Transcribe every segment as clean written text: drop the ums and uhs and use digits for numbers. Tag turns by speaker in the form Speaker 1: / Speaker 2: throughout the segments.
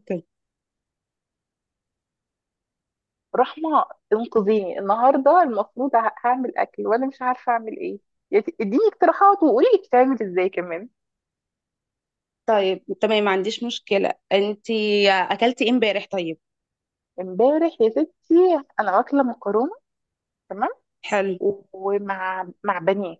Speaker 1: اوكي.
Speaker 2: رحمة، انقذيني النهاردة. المفروض هعمل أكل وأنا مش عارفة أعمل إيه. اديني اقتراحات وقولي لي بتعمل إزاي كمان.
Speaker 1: طيب، تمام، ما عنديش مشكلة. انتي اكلتي ايه امبارح؟ طيب،
Speaker 2: امبارح يا ستي أنا واكلة مكرونة. تمام.
Speaker 1: حلو.
Speaker 2: ومع بانيه،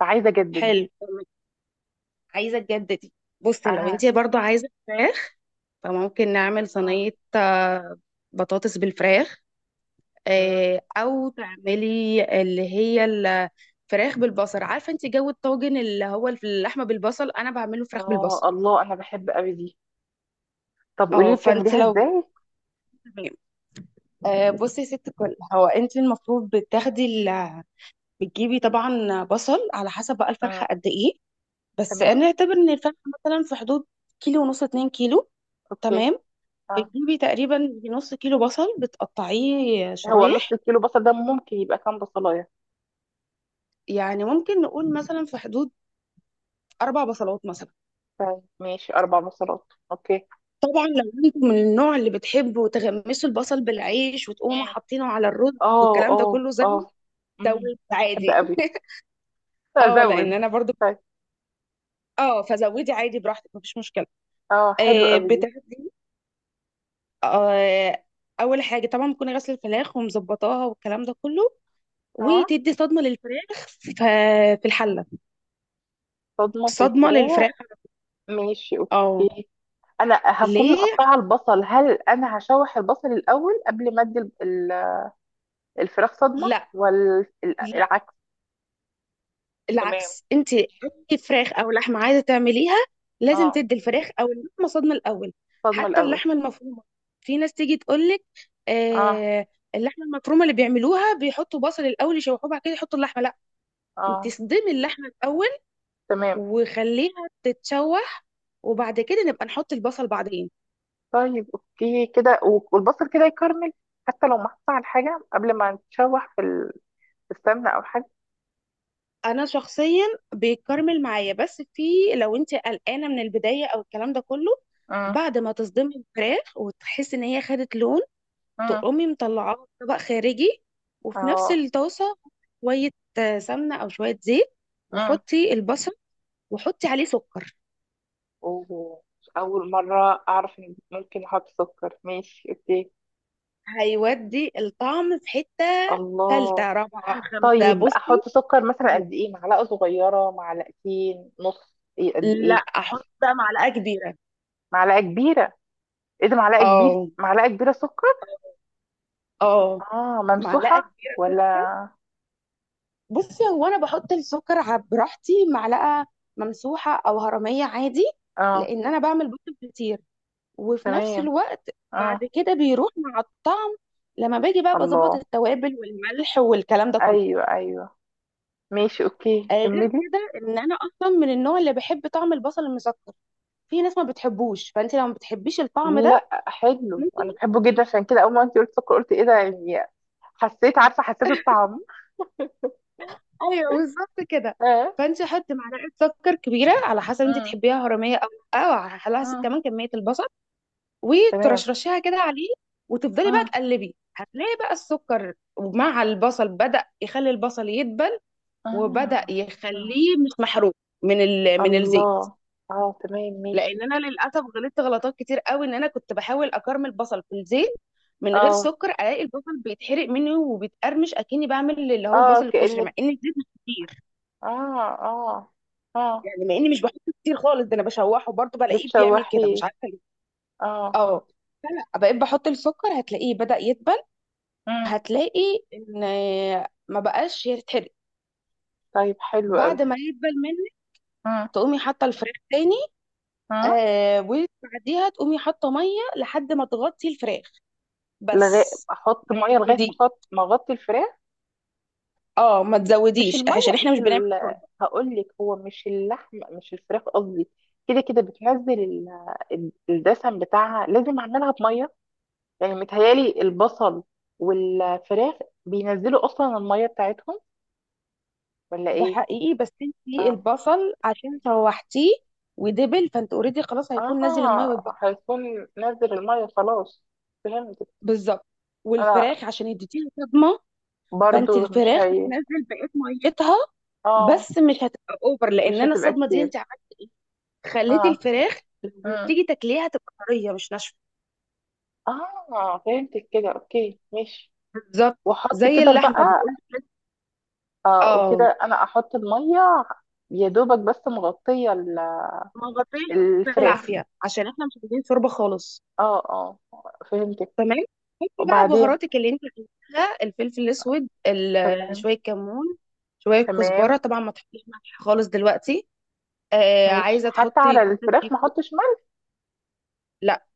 Speaker 2: فعايزة أجدد.
Speaker 1: حلو. عايزة تجددي. بصي، لو
Speaker 2: آه،
Speaker 1: انتي برضو عايزة فراخ فممكن نعمل
Speaker 2: آه،
Speaker 1: صينية بطاطس بالفراخ.
Speaker 2: مم.
Speaker 1: او تعملي اللي هي الفراخ بالبصل. عارفة انتي جو الطاجن اللي هو اللحمة بالبصل، انا بعمله فراخ
Speaker 2: آه،
Speaker 1: بالبصل.
Speaker 2: الله، أنا بحب أوي دي. طب قولي
Speaker 1: اه،
Speaker 2: لي
Speaker 1: فانت
Speaker 2: بتعمليها
Speaker 1: لو
Speaker 2: إزاي.
Speaker 1: تمام. بصي يا ست الكل، هو انت المفروض بتاخدي، بتجيبي طبعا بصل على حسب بقى الفرخه
Speaker 2: آه.
Speaker 1: قد ايه. بس
Speaker 2: تمام.
Speaker 1: انا اعتبر ان الفرخه مثلا في حدود كيلو ونص، اتنين كيلو.
Speaker 2: أوكي.
Speaker 1: تمام.
Speaker 2: آه.
Speaker 1: بتجيبي تقريبا نص كيلو بصل، بتقطعيه
Speaker 2: هو نص
Speaker 1: شرايح.
Speaker 2: كيلو بصل ده ممكن يبقى كام بصلاية؟
Speaker 1: يعني ممكن نقول مثلا في حدود اربع بصلات مثلا.
Speaker 2: طيب ماشي، أربع بصلات، أوكي.
Speaker 1: طبعا لو انتوا من النوع اللي بتحبوا تغمسوا البصل بالعيش وتقوموا
Speaker 2: مم.
Speaker 1: حاطينه على الرز
Speaker 2: آه،
Speaker 1: والكلام ده
Speaker 2: آه،
Speaker 1: كله،
Speaker 2: آه. مم.
Speaker 1: زود
Speaker 2: بحب
Speaker 1: عادي
Speaker 2: أوي،
Speaker 1: اه، لان
Speaker 2: ازود.
Speaker 1: انا برضو،
Speaker 2: طيب.
Speaker 1: اه، فزودي عادي براحتك، مفيش مشكله.
Speaker 2: اه، حلو
Speaker 1: آه
Speaker 2: قوي دي.
Speaker 1: بتاخدي، آه، اول حاجه طبعا بكون غسل الفراخ ومظبطاها والكلام ده كله،
Speaker 2: اه،
Speaker 1: وتدي صدمه للفراخ في الحله.
Speaker 2: صدمة في
Speaker 1: صدمه
Speaker 2: الفراخ؟
Speaker 1: للفراخ.
Speaker 2: ماشي،
Speaker 1: اه.
Speaker 2: اوكي. انا هكون
Speaker 1: ليه؟
Speaker 2: مقطعة البصل، هل انا هشوح البصل الاول قبل ما ادي ال- الفراخ صدمة،
Speaker 1: لا،
Speaker 2: ولا
Speaker 1: لا،
Speaker 2: العكس تمام.
Speaker 1: العكس. انت اي فراخ او لحمه عايزه تعمليها لازم
Speaker 2: اه،
Speaker 1: تدي الفراخ او اللحمه صدمه الاول.
Speaker 2: صدمة
Speaker 1: حتى
Speaker 2: الاول.
Speaker 1: اللحمه المفرومه، في ناس تيجي تقول لك،
Speaker 2: اه،
Speaker 1: آه، اللحمه المفرومه اللي بيعملوها بيحطوا بصل الاول يشوحوه بعد كده يحطوا اللحمه. لا، انت
Speaker 2: اه.
Speaker 1: صدمي اللحمه الاول
Speaker 2: تمام.
Speaker 1: وخليها تتشوح، وبعد كده نبقى نحط البصل بعدين.
Speaker 2: طيب اوكي كده، والبصل كده يكرمل حتى لو محطوط على حاجة قبل ما تشوح في في السمنة او حاجة.
Speaker 1: انا شخصيا بيتكرمل معايا، بس في، لو انت قلقانه من البدايه او الكلام ده كله،
Speaker 2: امم.
Speaker 1: بعد ما تصدمي الفراخ وتحس ان هي خدت لون،
Speaker 2: امم.
Speaker 1: تقومي مطلعاها في طبق خارجي، وفي نفس
Speaker 2: اه.
Speaker 1: الطاسه شويه سمنه او شويه زيت، وحطي البصل، وحطي عليه سكر.
Speaker 2: أوه. أول مرة أعرف إن ممكن أحط سكر، ماشي أوكي.
Speaker 1: هيودي الطعم في حته
Speaker 2: الله.
Speaker 1: ثالثه، رابعه، خمسه.
Speaker 2: طيب
Speaker 1: بصي،
Speaker 2: أحط سكر مثلا قد إيه؟ معلقة صغيرة، معلقتين، نص، إيه قد
Speaker 1: لا،
Speaker 2: إيه؟
Speaker 1: احط بقى معلقه كبيره.
Speaker 2: معلقة كبيرة. إيه ده، معلقة كبير،
Speaker 1: اه.
Speaker 2: معلقة كبيرة سكر.
Speaker 1: اه،
Speaker 2: آه،
Speaker 1: معلقه
Speaker 2: ممسوحة
Speaker 1: كبيره كده.
Speaker 2: ولا؟
Speaker 1: بصي، هو انا بحط السكر براحتي معلقه ممسوحه او هرميه عادي،
Speaker 2: آه.
Speaker 1: لان انا بعمل بيض كتير، وفي نفس
Speaker 2: تمام.
Speaker 1: الوقت بعد
Speaker 2: آه.
Speaker 1: كده بيروح مع الطعم، لما باجي بقى بظبط
Speaker 2: الله.
Speaker 1: التوابل والملح والكلام ده كله.
Speaker 2: أيوه، أيوه. ماشي أوكي،
Speaker 1: غير
Speaker 2: كملي.
Speaker 1: كده ان انا اصلا من النوع اللي بحب طعم البصل المسكر. في ناس ما بتحبوش، فانت لو ما بتحبيش الطعم ده
Speaker 2: لا، حلو،
Speaker 1: ممكن.
Speaker 2: أنا بحبه جدا. عشان كده أول ما أنت قلت سكر قلت إيه ده، يعني. حسيت، عارفة، حسيت الطعم.
Speaker 1: ايوه، بالظبط كده.
Speaker 2: آه.
Speaker 1: فانت حطي معلقه سكر كبيره على حسب انت تحبيها هرميه او لا، او على حسب
Speaker 2: مم.
Speaker 1: كمان كميه البصل،
Speaker 2: تمام.
Speaker 1: وترشرشيها كده عليه، وتفضلي بقى
Speaker 2: اه،
Speaker 1: تقلبي. هتلاقي بقى السكر مع البصل بدأ يخلي البصل يدبل، وبدأ
Speaker 2: اه. آه.
Speaker 1: يخليه مش محروق من من
Speaker 2: الله.
Speaker 1: الزيت.
Speaker 2: اه، تمام ماشي.
Speaker 1: لان انا للاسف غلطت غلطات كتير قوي، ان انا كنت بحاول اكرمل البصل في الزيت من غير
Speaker 2: اه،
Speaker 1: سكر، الاقي البصل بيتحرق مني وبيتقرمش، اكني بعمل اللي هو
Speaker 2: اه،
Speaker 1: البصل الكشري،
Speaker 2: كأنك.
Speaker 1: مع ان الزيت مش كتير.
Speaker 2: اه. اه. اه.
Speaker 1: يعني مع اني مش بحطه كتير خالص، ده انا بشوحه برضه بلاقيه بيعمل كده،
Speaker 2: بتشوحيه.
Speaker 1: مش عارفه ليه.
Speaker 2: اه.
Speaker 1: اه، فلا بقيت بحط السكر هتلاقيه بدأ يدبل،
Speaker 2: مم.
Speaker 1: هتلاقي ان ما بقاش يتحرق.
Speaker 2: طيب حلو قوي.
Speaker 1: بعد ما يدبل منك
Speaker 2: مم.
Speaker 1: تقومي حاطه الفراخ تاني،
Speaker 2: مم.
Speaker 1: آه، وبعديها تقومي حاطه ميه لحد ما تغطي الفراخ
Speaker 2: لغاية
Speaker 1: بس،
Speaker 2: احط
Speaker 1: ما
Speaker 2: ميه؟ لغايه ما
Speaker 1: تزوديش.
Speaker 2: احط، ما اغطي الفراخ؟
Speaker 1: اه، ما
Speaker 2: مش
Speaker 1: تزوديش عشان
Speaker 2: الميه،
Speaker 1: احنا
Speaker 2: مش
Speaker 1: مش بنعمل شوربه.
Speaker 2: هقول لك. هو مش اللحم، مش الفراخ قصدي، كده كده بتنزل الدسم بتاعها، لازم اعملها بميه يعني؟ متهيالي البصل والفراخ بينزلوا اصلا الميه بتاعتهم، ولا
Speaker 1: ده
Speaker 2: ايه؟
Speaker 1: حقيقي، بس انتي
Speaker 2: اه.
Speaker 1: البصل عشان شوحتيه ودبل فانت اوريدي خلاص هيكون نازل الميه.
Speaker 2: اه، هيكون نزل الميه خلاص، فهمت.
Speaker 1: بالظبط.
Speaker 2: انا
Speaker 1: والفراخ عشان يديها صدمه، فانت
Speaker 2: برضو مش
Speaker 1: الفراخ
Speaker 2: هي.
Speaker 1: هتنزل بقيه ميتها،
Speaker 2: اه.
Speaker 1: بس مش هتبقى اوفر لان
Speaker 2: مش
Speaker 1: انا
Speaker 2: هتبقى
Speaker 1: الصدمه دي
Speaker 2: كتير.
Speaker 1: انت عملت ايه، خليتي
Speaker 2: اه.
Speaker 1: الفراخ لما
Speaker 2: مم.
Speaker 1: تيجي تاكليها تبقى طريه مش ناشفه.
Speaker 2: اه، فهمتك كده، اوكي ماشي.
Speaker 1: بالظبط.
Speaker 2: واحط
Speaker 1: زي
Speaker 2: كده بقى.
Speaker 1: اللحمه بيقول لك.
Speaker 2: اه،
Speaker 1: اه.
Speaker 2: وكده انا احط الميه يا دوبك بس مغطيه
Speaker 1: ما غطيش
Speaker 2: الفراخ
Speaker 1: بالعافيه، عشان احنا مش عايزين شوربه خالص.
Speaker 2: اه، اه، فهمتك.
Speaker 1: تمام. حطي بقى
Speaker 2: وبعدين.
Speaker 1: بهاراتك اللي انت عايزاها: الفلفل الاسود،
Speaker 2: تمام.
Speaker 1: شويه كمون، شويه كزبره.
Speaker 2: تمام،
Speaker 1: طبعا ما تحطيش ملح خالص دلوقتي. آه،
Speaker 2: ماشي.
Speaker 1: عايزه
Speaker 2: حتى
Speaker 1: تحطي
Speaker 2: على
Speaker 1: جوزة
Speaker 2: الفراخ
Speaker 1: الطيب.
Speaker 2: ما احطش ملح؟
Speaker 1: لا،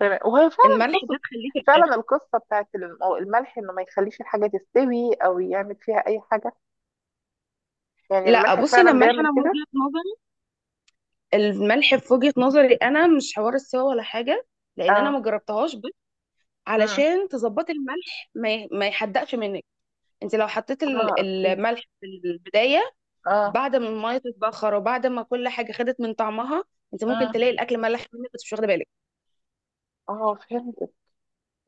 Speaker 2: تمام، وهي فعلا
Speaker 1: الملح
Speaker 2: قصه.
Speaker 1: ده تخليه في الاخر.
Speaker 2: فعلا القصه بتاعت الملح انه ما يخليش الحاجه تستوي او يعمل فيها اي حاجه؟ يعني
Speaker 1: لا
Speaker 2: الملح
Speaker 1: بصي، انا
Speaker 2: فعلا
Speaker 1: الملح،
Speaker 2: بيعمل
Speaker 1: انا من
Speaker 2: كده؟
Speaker 1: وجهة نظري، الملح في وجهة نظري انا مش حوار السوا ولا حاجة، لان انا
Speaker 2: اه.
Speaker 1: ما جربتهاش، بس
Speaker 2: امم.
Speaker 1: علشان تظبطي الملح ما يحدقش منك، انت لو حطيت
Speaker 2: اه، اوكي.
Speaker 1: الملح في البداية،
Speaker 2: اه.
Speaker 1: بعد ما المية تتبخر وبعد ما كل حاجة خدت من طعمها، انت ممكن
Speaker 2: امم.
Speaker 1: تلاقي الاكل ملح منك بس مش واخده بالك.
Speaker 2: اه، فهمت.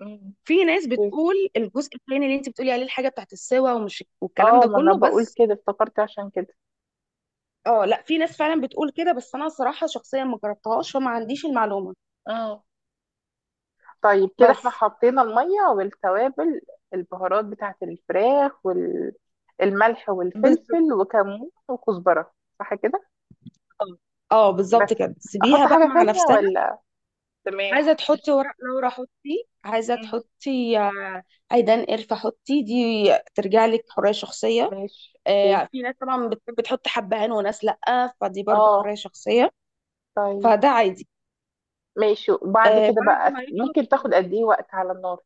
Speaker 2: امم.
Speaker 1: في ناس
Speaker 2: أوكي.
Speaker 1: بتقول الجزء الثاني اللي انت بتقولي عليه الحاجة بتاعت السوا ومش والكلام
Speaker 2: اه،
Speaker 1: ده
Speaker 2: ما انا
Speaker 1: كله،
Speaker 2: بقول
Speaker 1: بس
Speaker 2: كده افتكرت عشان كده.
Speaker 1: اه، لا، في ناس فعلا بتقول كده، بس انا صراحة شخصيا ما جربتهاش، فما عنديش المعلومة.
Speaker 2: اه. طيب كده احنا
Speaker 1: بس.
Speaker 2: حطينا الميه والتوابل، البهارات بتاعت الفراخ، والملح
Speaker 1: بالظبط.
Speaker 2: والفلفل وكمون وكزبره. صح كده؟
Speaker 1: اه. آه،
Speaker 2: بس
Speaker 1: بالظبط كده، سيبيها
Speaker 2: احط
Speaker 1: بقى
Speaker 2: حاجة
Speaker 1: مع
Speaker 2: تانية
Speaker 1: نفسها.
Speaker 2: ولا؟ تمام.
Speaker 1: عايزه تحطي ورق لورا حطي، عايزه
Speaker 2: مم.
Speaker 1: تحطي آه، عيدان قرفه حطي، دي ترجع لك حريه شخصيه.
Speaker 2: ماشي اوكي.
Speaker 1: آه، في ناس طبعا بتحب تحط حبهان وناس لا، فدي برضه
Speaker 2: اه.
Speaker 1: حريه شخصيه،
Speaker 2: طيب.
Speaker 1: فده عادي.
Speaker 2: ماشي. بعد كده
Speaker 1: بعد
Speaker 2: بقى
Speaker 1: ما
Speaker 2: ممكن تاخد
Speaker 1: يخلص،
Speaker 2: قد ايه وقت على النار؟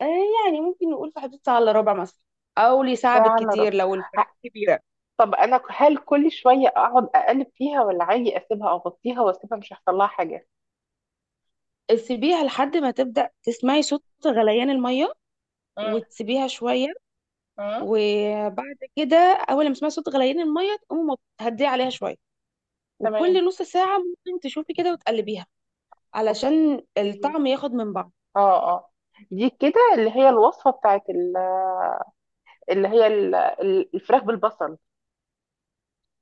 Speaker 1: آه، يعني ممكن نقول في حدود ساعه الا ربع مثلا، او لساعه
Speaker 2: ساعة الا
Speaker 1: بالكتير
Speaker 2: ربع.
Speaker 1: لو
Speaker 2: ه-
Speaker 1: الفراخ كبيره.
Speaker 2: طب انا، هل كل شوية اقعد اقلب فيها، ولا عادي اسيبها اغطيها واسيبها مش هيحصل لها حاجة؟
Speaker 1: سيبيها لحد ما تبدا تسمعي صوت غليان الميه،
Speaker 2: مم.
Speaker 1: وتسيبيها شويه،
Speaker 2: مم.
Speaker 1: وبعد كده اول لما تسمعي صوت غليان الميه تقومي هديه عليها شويه،
Speaker 2: تمام.
Speaker 1: وكل نص ساعه ممكن تشوفي كده وتقلبيها علشان
Speaker 2: اوكي.
Speaker 1: الطعم ياخد من بعض.
Speaker 2: اه، اه. دي كده اللي هي الوصفة بتاعت اللي هي الفراخ بالبصل.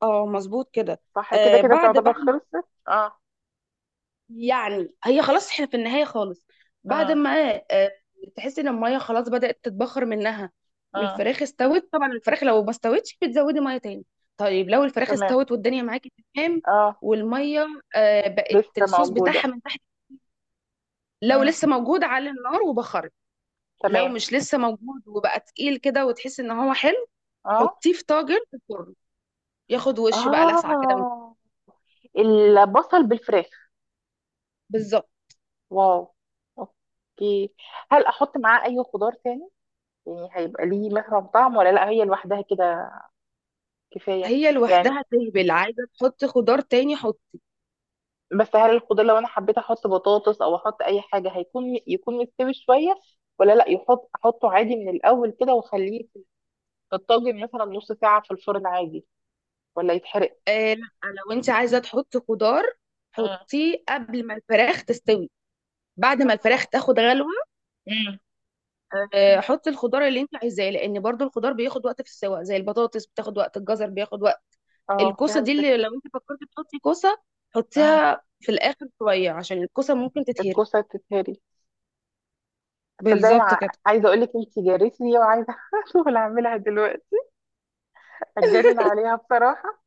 Speaker 1: اه، مظبوط كده.
Speaker 2: صح كده،
Speaker 1: آه،
Speaker 2: كده
Speaker 1: بعد
Speaker 2: تعتبر
Speaker 1: بقى
Speaker 2: خلصت؟ اه.
Speaker 1: يعني هي خلاص احنا في النهايه خالص، بعد
Speaker 2: مم.
Speaker 1: ما آه، تحسي ان الميه خلاص بدات تتبخر منها
Speaker 2: مم.
Speaker 1: والفراخ استوت. طبعا الفراخ لو ما استوتش بتزودي ميه تاني. طيب، لو الفراخ
Speaker 2: تمام.
Speaker 1: استوت والدنيا معاكي تمام،
Speaker 2: اه.
Speaker 1: والميه آه بقت
Speaker 2: لسه
Speaker 1: الصوص بتاعها
Speaker 2: موجودة؟
Speaker 1: من تحت، لو
Speaker 2: مم.
Speaker 1: لسه موجود على النار وبخر، لو
Speaker 2: تمام.
Speaker 1: مش لسه موجود وبقى تقيل كده وتحس ان هو حلو،
Speaker 2: اه،
Speaker 1: حطيه في طاجن في الفرن، ياخد وش بقى لسعه كده من.
Speaker 2: اه. البصل بالفراخ.
Speaker 1: بالظبط.
Speaker 2: واو، اوكي. هل احط معاه اي خضار تاني؟ يعني هيبقى ليه مثلا طعم، ولا لا، هي لوحدها كده كفاية؟
Speaker 1: هي
Speaker 2: يعني
Speaker 1: لوحدها تهبل. عايزه تحط خضار تاني حط.
Speaker 2: بس هل الخضار، لو انا حبيت احط بطاطس او احط اي حاجة، هيكون يكون مستوي شوية، ولا لا يحط، احطه عادي من الاول كده واخليه في الطاجن مثلا نص ساعة في الفرن عادي، ولا يتحرق؟
Speaker 1: آه لا، لو انت عايزه تحط خضار
Speaker 2: مم.
Speaker 1: حطيه قبل ما الفراخ تستوي، بعد ما الفراخ
Speaker 2: اه.
Speaker 1: تاخد غلوه،
Speaker 2: مم.
Speaker 1: آه،
Speaker 2: مم.
Speaker 1: حطي الخضار اللي انت عايزاه، لان برضو الخضار بياخد وقت في السوا، زي البطاطس بتاخد وقت، الجزر بياخد وقت.
Speaker 2: اه،
Speaker 1: الكوسه دي، اللي
Speaker 2: فهمتك.
Speaker 1: لو انت فكرتي تحطي كوسه حطيها في الاخر شويه، عشان الكوسه ممكن تتهري.
Speaker 2: الكوسة تتهري؟ صدقني.
Speaker 1: بالظبط كده.
Speaker 2: عايزة اقول لك انت جريتني، وعايزة شغل اعملها دلوقتي. هتجنن عليها بصراحة.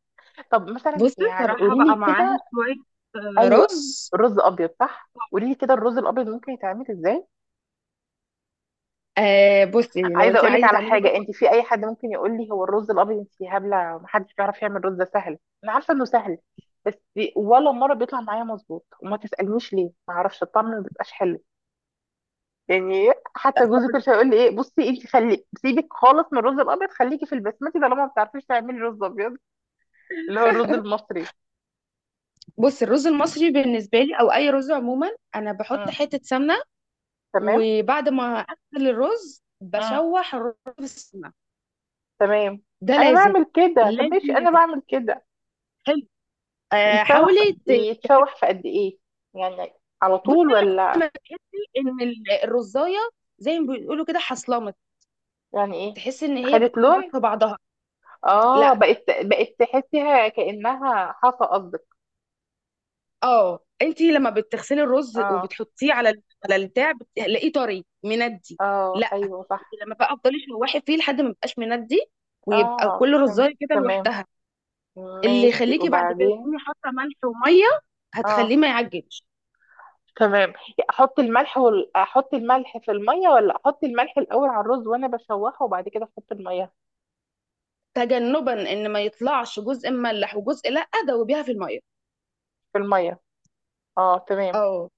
Speaker 2: طب مثلا
Speaker 1: بصي،
Speaker 2: يعني
Speaker 1: صراحة
Speaker 2: قولي لي
Speaker 1: بقى معاها
Speaker 2: كده.
Speaker 1: شوية آه،
Speaker 2: ايوه،
Speaker 1: رز.
Speaker 2: رز ابيض صح؟ قولي لي كده، الرز الابيض ممكن يتعمل ازاي.
Speaker 1: آه، بصي، لو
Speaker 2: عايزة
Speaker 1: انت
Speaker 2: اقول لك
Speaker 1: عايزة
Speaker 2: على
Speaker 1: تعملي
Speaker 2: حاجة،
Speaker 1: رز
Speaker 2: انت في اي حد ممكن يقول لي هو الرز الابيض انت هبلة، محدش بيعرف يعمل رز، ده سهل. انا عارفة انه سهل، بس ولا مرة بيطلع معايا مظبوط. وما تسألنيش ليه، ما اعرفش، الطعم ما بيبقاش حلو. يعني حتى جوزي كل
Speaker 1: هقولك.
Speaker 2: شويه يقول لي ايه، بصي انت خلي سيبك خالص من الرز الابيض، خليكي في البسمتي طالما ما بتعرفيش تعملي رز ابيض. اللي هو الرز المصري.
Speaker 1: بصي الرز المصري بالنسبة لي، او اي رز عموما، انا بحط
Speaker 2: اه،
Speaker 1: حتة سمنة،
Speaker 2: تمام.
Speaker 1: وبعد ما اغسل الرز
Speaker 2: اه،
Speaker 1: بشوح الرز في السمنة،
Speaker 2: تمام
Speaker 1: ده
Speaker 2: انا
Speaker 1: لازم.
Speaker 2: بعمل كده. طب
Speaker 1: لازم
Speaker 2: ماشي، انا
Speaker 1: لازم.
Speaker 2: بعمل كده.
Speaker 1: حلو. آه،
Speaker 2: يتشوح في،
Speaker 1: حاولي
Speaker 2: يتشوح في قد ايه يعني؟ على طول
Speaker 1: بصي لحد
Speaker 2: ولا؟
Speaker 1: ما تحسي ان الرزاية، زي ما بيقولوا كده، حصلمت،
Speaker 2: يعني ايه؟
Speaker 1: تحسي ان هي
Speaker 2: خدت
Speaker 1: بتخبط
Speaker 2: لون؟
Speaker 1: في بعضها.
Speaker 2: اه،
Speaker 1: لا،
Speaker 2: بقت، بقت تحسيها كانها حصى قصدك؟
Speaker 1: اه، انت لما بتغسلي الرز
Speaker 2: اه.
Speaker 1: وبتحطيه على على البتاع بتلاقيه طري مندي.
Speaker 2: اه،
Speaker 1: لا،
Speaker 2: ايوه
Speaker 1: انت
Speaker 2: صح.
Speaker 1: لما بقى افضلي شوحي فيه لحد ما يبقاش مندي، ويبقى
Speaker 2: اه،
Speaker 1: كل
Speaker 2: فهمت.
Speaker 1: رزايه كده
Speaker 2: تمام.
Speaker 1: لوحدها، اللي
Speaker 2: ماشي
Speaker 1: يخليكي بعد كده
Speaker 2: وبعدين.
Speaker 1: تكوني حاطه ملح وميه، هتخليه
Speaker 2: اه.
Speaker 1: ما يعجنش.
Speaker 2: تمام. احط الملح احط الملح في الميه، ولا احط الملح الاول على الرز وانا بشوحه وبعد كده احط الميه؟
Speaker 1: تجنبا ان ما يطلعش جزء مملح وجزء لا، دوبيها في الميه.
Speaker 2: في الميه. اه، تمام.
Speaker 1: اه،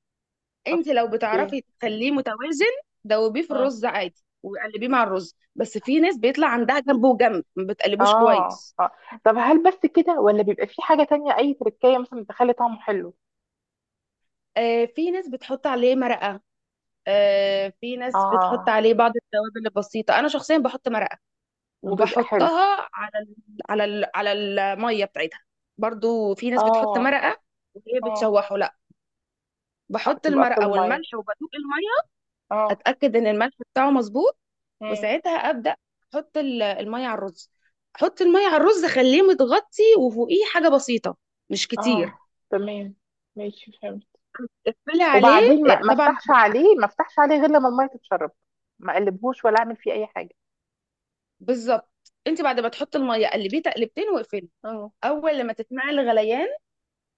Speaker 1: انت لو
Speaker 2: اوكي.
Speaker 1: بتعرفي تخليه متوازن، دوبيه في
Speaker 2: مم.
Speaker 1: الرز عادي وقلبيه مع الرز، بس في ناس بيطلع عندها جنب وجنب ما بتقلبوش
Speaker 2: اه،
Speaker 1: كويس.
Speaker 2: اه. طب هل بس كده، ولا بيبقى في حاجه تانية اي تركية مثلا بتخلي طعمه حلو؟
Speaker 1: آه، في ناس بتحط عليه مرقة، آه، في ناس بتحط
Speaker 2: اه.
Speaker 1: عليه بعض التوابل البسيطة. أنا شخصيا بحط مرقة،
Speaker 2: بيبقى حلو.
Speaker 1: وبحطها على ال على ال على المية بتاعتها. برضو في ناس بتحط
Speaker 2: اه.
Speaker 1: مرقة وهي
Speaker 2: اه.
Speaker 1: بتشوحه، لا،
Speaker 2: آه،
Speaker 1: بحط
Speaker 2: تبقى في
Speaker 1: المرقة
Speaker 2: الميه.
Speaker 1: والملح وبدوق المية،
Speaker 2: اه.
Speaker 1: أتأكد إن الملح بتاعه مظبوط،
Speaker 2: مم.
Speaker 1: وساعتها أبدأ أحط المية على الرز. أحط المية على الرز، أخليه متغطي وفوقيه حاجة بسيطة، مش
Speaker 2: اه،
Speaker 1: كتير.
Speaker 2: تمام ماشي، فهمت.
Speaker 1: اقفلي عليه.
Speaker 2: وبعدين ما
Speaker 1: آه،
Speaker 2: ما
Speaker 1: طبعا.
Speaker 2: افتحش عليه، ما افتحش عليه غير لما الميه تتشرب؟ ما اقلبهوش ولا اعمل فيه اي حاجه؟
Speaker 1: بالظبط، انت بعد ما تحطي الميه قلبيه تقلبتين واقفلي، اول لما تسمعي الغليان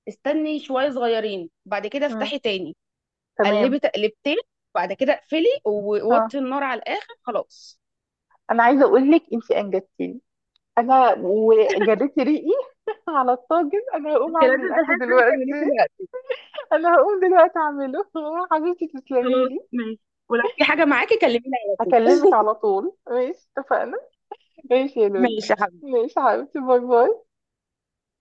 Speaker 1: استني شويه صغيرين، بعد كده
Speaker 2: مم.
Speaker 1: افتحي تاني،
Speaker 2: تمام.
Speaker 1: قلبي تقلبتين، بعد كده اقفلي
Speaker 2: اه.
Speaker 1: ووطي النار على الاخر خلاص.
Speaker 2: انا عايزه اقول لك انت انجبتيني، انا وجريتي ريقي على الطاجن. انا هقوم
Speaker 1: انت
Speaker 2: اعمل
Speaker 1: لازم
Speaker 2: الاكل
Speaker 1: تلحقي تروحي
Speaker 2: دلوقتي.
Speaker 1: تعمليه دلوقتي.
Speaker 2: انا هقوم دلوقتي اعمله. حبيبتي تسلمي
Speaker 1: خلاص
Speaker 2: لي.
Speaker 1: ماشي، ولو في حاجه معاكي كلميني على طول
Speaker 2: هكلمك على طول، ماشي اتفقنا. ماشي يا لولو.
Speaker 1: ماشي يا حبيبتي.
Speaker 2: ماشي يا حبيبتي، باي باي.